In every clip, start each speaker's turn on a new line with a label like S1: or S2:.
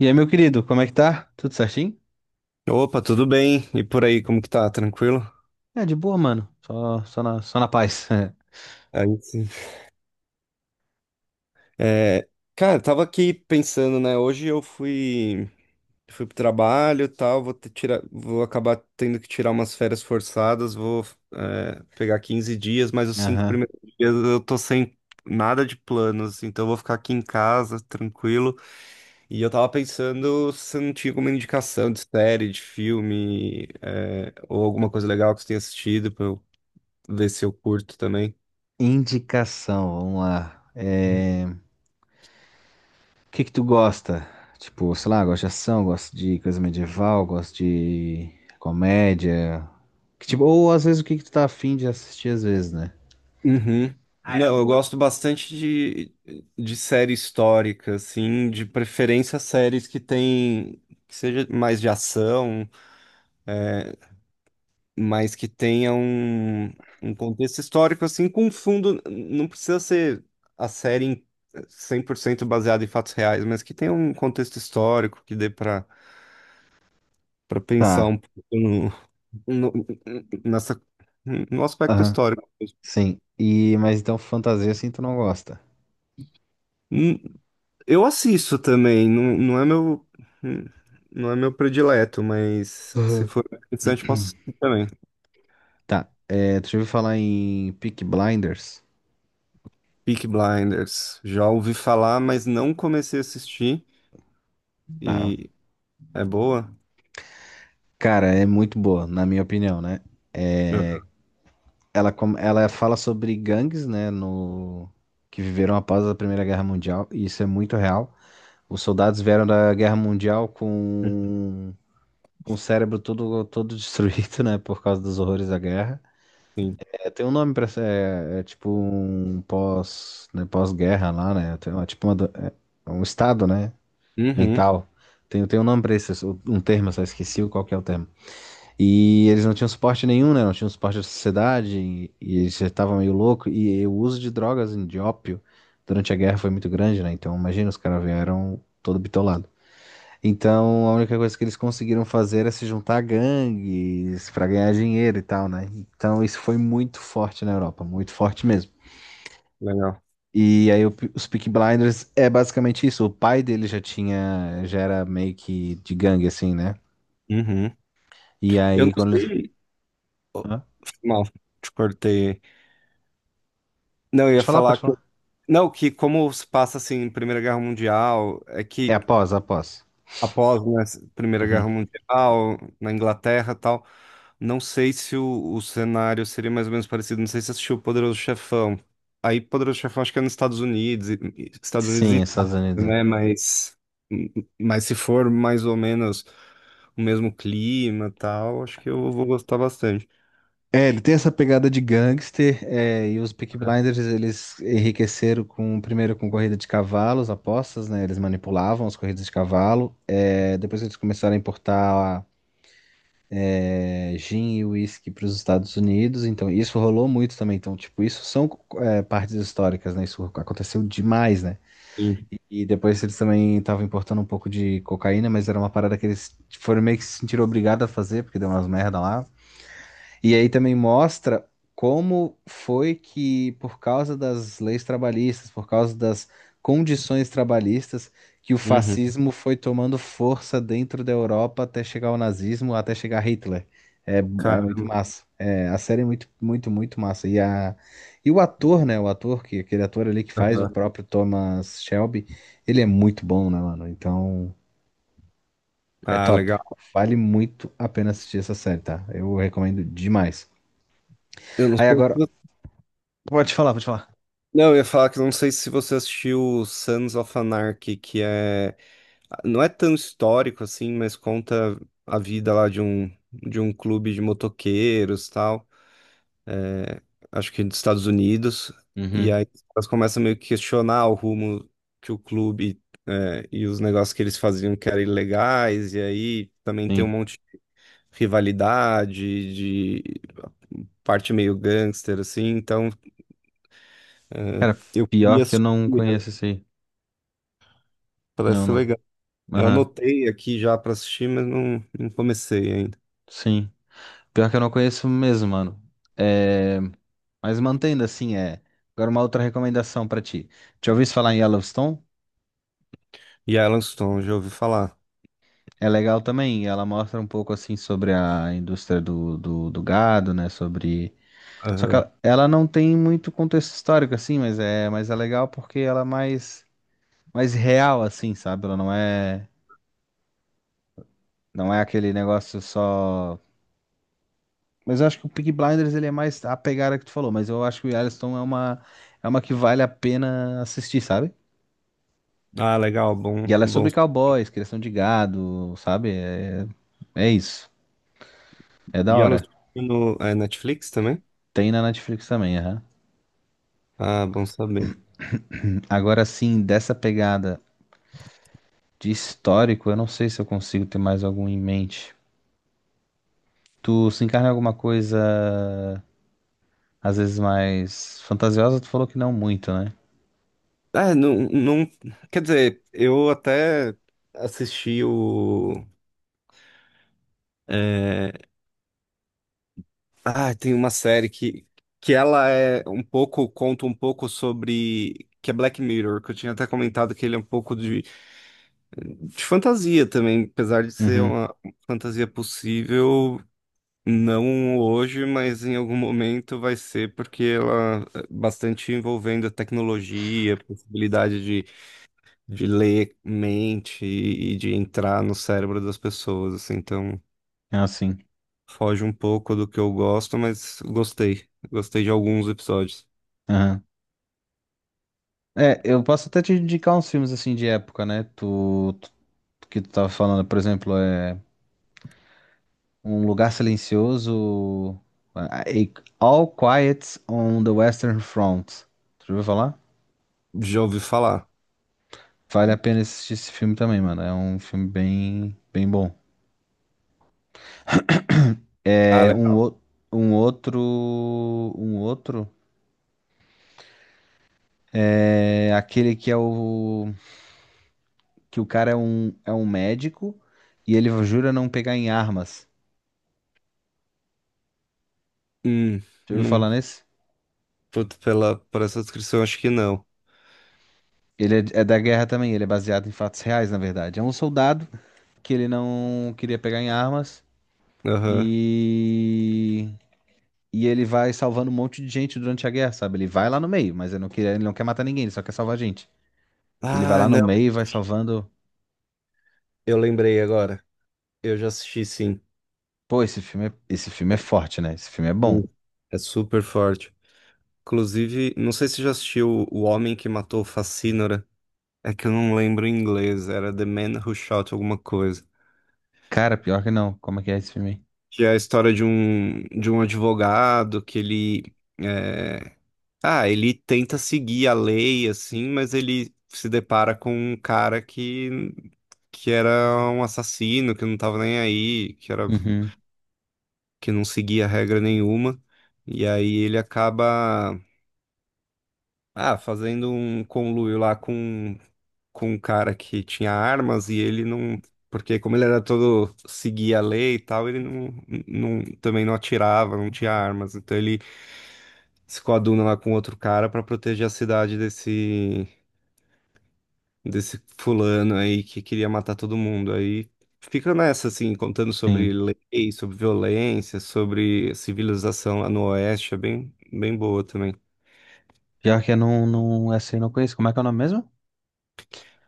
S1: E aí, meu querido, como é que tá? Tudo certinho?
S2: Opa, tudo bem? E por aí, como que tá? Tranquilo?
S1: É, de boa, mano. Só na paz.
S2: Aí sim. É, cara, eu tava aqui pensando, né? Hoje eu fui, fui pro trabalho e tal, vou ter, tirar, vou acabar tendo que tirar umas férias forçadas, pegar 15 dias, mas os cinco
S1: Aham.
S2: primeiros dias eu tô sem nada de planos, então eu vou ficar aqui em casa, tranquilo. E eu tava pensando se não tinha alguma indicação de série, de filme, ou alguma coisa legal que você tenha assistido pra eu ver se eu curto também.
S1: Indicação, vamos lá. É, o que que tu gosta? Tipo, sei lá, gosta de ação, gosta de coisa medieval, gosta de comédia. Que tipo, ou às vezes o que que tu tá afim de assistir às vezes, né?
S2: Uhum. Aí eu. Não, eu gosto bastante de série histórica, assim, de preferência séries que tem, que seja mais de ação, é, mas que tenha um, um contexto histórico, assim, com fundo, não precisa ser a série 100% baseada em fatos reais, mas que tenha um contexto histórico que dê para para pensar
S1: Tá.
S2: um pouco no- nessa, no aspecto
S1: Aham.
S2: histórico.
S1: Sim. E, mas então fantasia assim tu não gosta.
S2: Hum, Eu assisto também, não é meu, não é meu predileto, mas se
S1: Aham.
S2: for interessante, posso assistir também.
S1: Tá. É, tu já ouviu falar em Peaky Blinders?
S2: Peaky Blinders, já ouvi falar, mas não comecei a assistir,
S1: Tá.
S2: e. É boa?
S1: Cara, é muito boa, na minha opinião, né?
S2: Uhum.
S1: É, ela fala sobre gangues, né, no, que viveram após a Primeira Guerra Mundial, e isso é muito real. Os soldados vieram da Guerra Mundial com o cérebro todo destruído, né, por causa dos horrores da guerra.
S2: Sim.
S1: É, tem um nome pra essa, é, é tipo um pós, né, pós-guerra lá, né? Tem uma- tipo uma do- é um estado, né,
S2: Uhum,
S1: mental. Tem um nome pra isso, um termo, eu só esqueci qual que é o termo. E eles não tinham suporte nenhum, né? Não tinham suporte da sociedade e eles já estavam meio louco. E, o uso de drogas, de ópio, durante a guerra foi muito grande, né? Então imagina, os caras vieram todo bitolado. Então a única coisa que eles conseguiram fazer é se juntar a gangues para ganhar dinheiro e tal, né? Então isso foi muito forte na Europa, muito forte mesmo.
S2: legal.
S1: E aí o- os Peaky Blinders é basicamente isso. O pai dele já tinha, já era meio que de gangue assim, né?
S2: Uhum.
S1: E
S2: Eu
S1: aí
S2: não
S1: quando eles,
S2: sei. Oh,
S1: hã?
S2: mal, te cortei. Não, eu
S1: Pode
S2: ia
S1: falar,
S2: falar
S1: pode
S2: que.
S1: falar.
S2: Não, que como se passa assim, Primeira Guerra Mundial, é
S1: É
S2: que
S1: após, após.
S2: após, né, a Primeira
S1: Uhum.
S2: Guerra Mundial, na Inglaterra e tal. Não sei se o, o cenário seria mais ou menos parecido. Não sei se você assistiu o Poderoso Chefão. Aí, Poderoso Chefão, acho que é nos Estados Unidos, Estados Unidos e
S1: Sim,
S2: Itália,
S1: Estados Unidos.
S2: né? Mas se for mais ou menos o mesmo clima e tal, acho que eu vou gostar bastante.
S1: É, ele tem essa pegada de gangster, é, e os Peaky Blinders eles enriqueceram com, primeiro com corrida de cavalos, apostas, né? Eles manipulavam as corridas de cavalo. É, depois eles começaram a importar é, gin e uísque para os Estados Unidos, então isso rolou muito também. Então, tipo, isso são é, partes históricas, né? Isso aconteceu demais, né?
S2: Sim.
S1: E depois eles também estavam importando um pouco de cocaína, mas era uma parada que eles foram meio que se sentiram obrigados a fazer, porque deu umas merda lá. E aí também mostra como foi que, por causa das leis trabalhistas, por causa das condições trabalhistas, que o
S2: Uhum.
S1: fascismo foi tomando força dentro da Europa até chegar ao nazismo, até chegar Hitler. É, é
S2: Cara,
S1: muito massa. É, a série é muito massa. E, a, e o ator, né? O ator, que aquele ator ali que faz o
S2: aham.
S1: próprio Thomas Shelby, ele é muito bom, né, mano? Então, é
S2: Ah,
S1: top.
S2: legal.
S1: Vale muito a pena assistir essa série, tá? Eu recomendo demais.
S2: Eu não
S1: Aí
S2: sei
S1: agora,
S2: se...
S1: pode falar, pode falar.
S2: Não, eu ia falar que eu não sei se você assistiu Sons of Anarchy, que é. Não é tão histórico assim, mas conta a vida lá de um clube de motoqueiros, tal, acho que dos Estados Unidos. E
S1: Uhum,
S2: aí elas começam meio que questionar o rumo que o clube, né, e os negócios que eles faziam que eram ilegais. E aí também tem um
S1: sim.
S2: monte de rivalidade, de parte meio gangster, assim. Então
S1: Cara,
S2: eu
S1: pior
S2: queria
S1: que eu
S2: assistir,
S1: não
S2: né?
S1: conheço esse aí.
S2: Parece
S1: Não,
S2: ser
S1: não.
S2: legal. Eu
S1: Aham,
S2: anotei aqui já pra assistir, mas não, não comecei ainda.
S1: sim. Pior que eu não conheço mesmo, mano. É... Mas mantendo assim, é. Agora uma outra recomendação pra ti. Já ouviu falar em Yellowstone?
S2: E Yellowstone, já ouvi falar.
S1: É legal também. Ela mostra um pouco assim sobre a indústria do, do, do gado, né? Sobre. Só que ela não tem muito contexto histórico assim, mas é legal porque ela é mais, mais real assim, sabe? Ela não é, não é aquele negócio só. Mas eu acho que o Peaky Blinders ele é mais a pegada que tu falou, mas eu acho que o Yellowstone é uma que vale a pena assistir, sabe?
S2: Ah, legal,
S1: E
S2: bom,
S1: ela é
S2: bom.
S1: sobre cowboys, criação de gado, sabe? É, é isso. É da
S2: E elas
S1: hora.
S2: no é, Netflix também?
S1: Tem na Netflix também, aham.
S2: Ah, bom saber.
S1: Agora sim, dessa pegada de histórico, eu não sei se eu consigo ter mais algum em mente. Tu se encarna em alguma coisa, às vezes mais fantasiosa, tu falou que não muito, né?
S2: É, não, não, quer dizer, eu até assisti o, é, ah, tem uma série que ela é um pouco, conta um pouco sobre, que é Black Mirror, que eu tinha até comentado que ele é um pouco de fantasia também, apesar de ser
S1: Uhum.
S2: uma fantasia possível. Não hoje, mas em algum momento vai ser, porque ela é bastante envolvendo a tecnologia, a possibilidade de ler mente e de entrar no cérebro das pessoas, assim, então
S1: É assim.
S2: foge um pouco do que eu gosto, mas gostei. Gostei de alguns episódios.
S1: É, eu posso até te indicar uns filmes assim de época, né? Tu, tu- que tu tava falando, por exemplo, é Um Lugar Silencioso, a- All Quiet on the Western Front. Tu já ouviu falar?
S2: Já ouvi falar.
S1: Vale a pena assistir esse filme também, mano. É um filme bem, bem bom.
S2: Ah,
S1: É um,
S2: legal.
S1: ou- um outro, um outro é aquele que é o que o cara é um médico e ele jura não pegar em armas.
S2: Hum,
S1: Já ouviu
S2: não,
S1: falar nesse?
S2: puto, pela, por essa descrição, acho que não.
S1: Ele é, é da guerra também, ele é baseado em fatos reais, na verdade. É um soldado que ele não queria pegar em armas
S2: Aham.
S1: e e ele vai salvando um monte de gente durante a guerra, sabe? Ele vai lá no meio, mas ele não quer matar ninguém, ele só quer salvar gente. Ele vai
S2: Ah,
S1: lá no
S2: não,
S1: meio e vai salvando.
S2: eu lembrei agora. Eu já assisti, sim.
S1: Pô, esse filme é forte, né? Esse filme é
S2: Hum.
S1: bom.
S2: É super forte. Inclusive, não sei se você já assistiu O Homem que Matou Facínora. É que eu não lembro em inglês, era The Man Who Shot alguma coisa.
S1: Cara, pior que não. Como é que é esse filme aí?
S2: Que é a história de um advogado que ele. é, Ah, ele tenta seguir a lei, assim, mas ele se depara com um cara que era um assassino, que não tava nem aí,
S1: Uhum.
S2: que não seguia regra nenhuma. E aí ele acaba. Ah, fazendo um conluio lá com um cara que tinha armas e ele não. Porque como ele era todo seguia a lei e tal, ele não, não também não atirava, não tinha armas. Então ele se coaduna lá com outro cara pra proteger a cidade desse, desse fulano aí que queria matar todo mundo. Aí fica nessa, assim, contando sobre
S1: Sim.
S2: lei, sobre violência, sobre civilização lá no Oeste. É bem, bem boa também.
S1: Pior que eu não, não, essa aí eu não conheço. Como é que é o nome mesmo?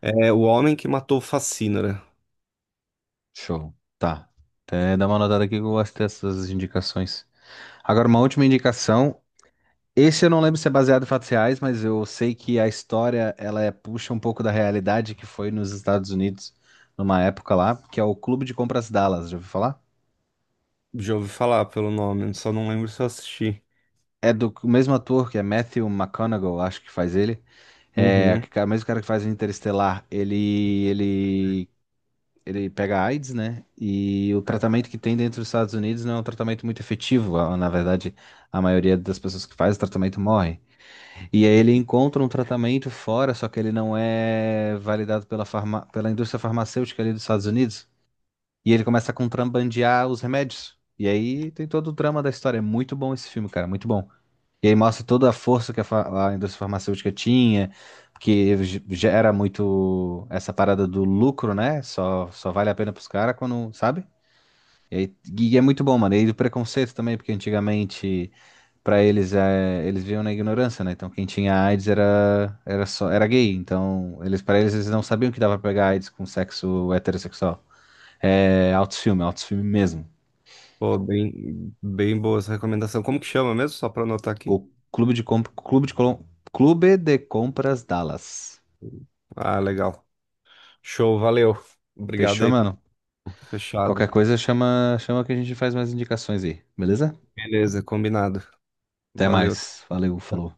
S2: É O Homem que Matou Facínora.
S1: Show. Tá. Até dá uma notada aqui que eu gosto dessas indicações. Agora, uma última indicação. Esse eu não lembro se é baseado em fatos reais, mas eu sei que a história ela é- puxa um pouco da realidade que foi nos Estados Unidos numa época lá, que é o Clube de Compras Dallas, já ouviu falar?
S2: Já ouvi falar pelo nome, só não lembro se eu assisti.
S1: É do o mesmo ator, que é Matthew McConaughey, acho que faz ele. É
S2: Uhum.
S1: que- o mesmo cara que faz o Interestelar. Ele, ele pega AIDS, né? E o tratamento que tem dentro dos Estados Unidos não é um tratamento muito efetivo. Ah, na verdade, a maioria das pessoas que faz o tratamento morre. E aí ele encontra um tratamento fora, só que ele não é validado pela, farma... pela indústria farmacêutica ali dos Estados Unidos. E ele começa a contrabandear os remédios. E aí tem todo o drama da história. É muito bom esse filme, cara, muito bom. E aí mostra toda a força que a, fa- a indústria farmacêutica tinha, que ge- gera muito essa parada do lucro, né? Só, só vale a pena pros caras quando, sabe? E, aí- e é muito bom, mano. E aí do preconceito também, porque antigamente para eles é, eles viviam na ignorância, né? Então quem tinha AIDS era era só era gay, então eles para eles eles não sabiam que dava pra pegar AIDS com sexo heterossexual. É autofilme, autofilme mesmo.
S2: Pô, bem, bem boa essa recomendação. Como que chama mesmo? Só pra anotar aqui.
S1: O clube de comp... clube de Colom- clube de compras Dallas.
S2: Ah, legal. Show, valeu. Obrigado
S1: Fechou,
S2: aí. por-
S1: mano?
S2: Fechado.
S1: Qualquer coisa chama chama que a gente faz mais indicações aí, beleza?
S2: Beleza, combinado.
S1: Até
S2: Valeu.
S1: mais. Valeu, falou.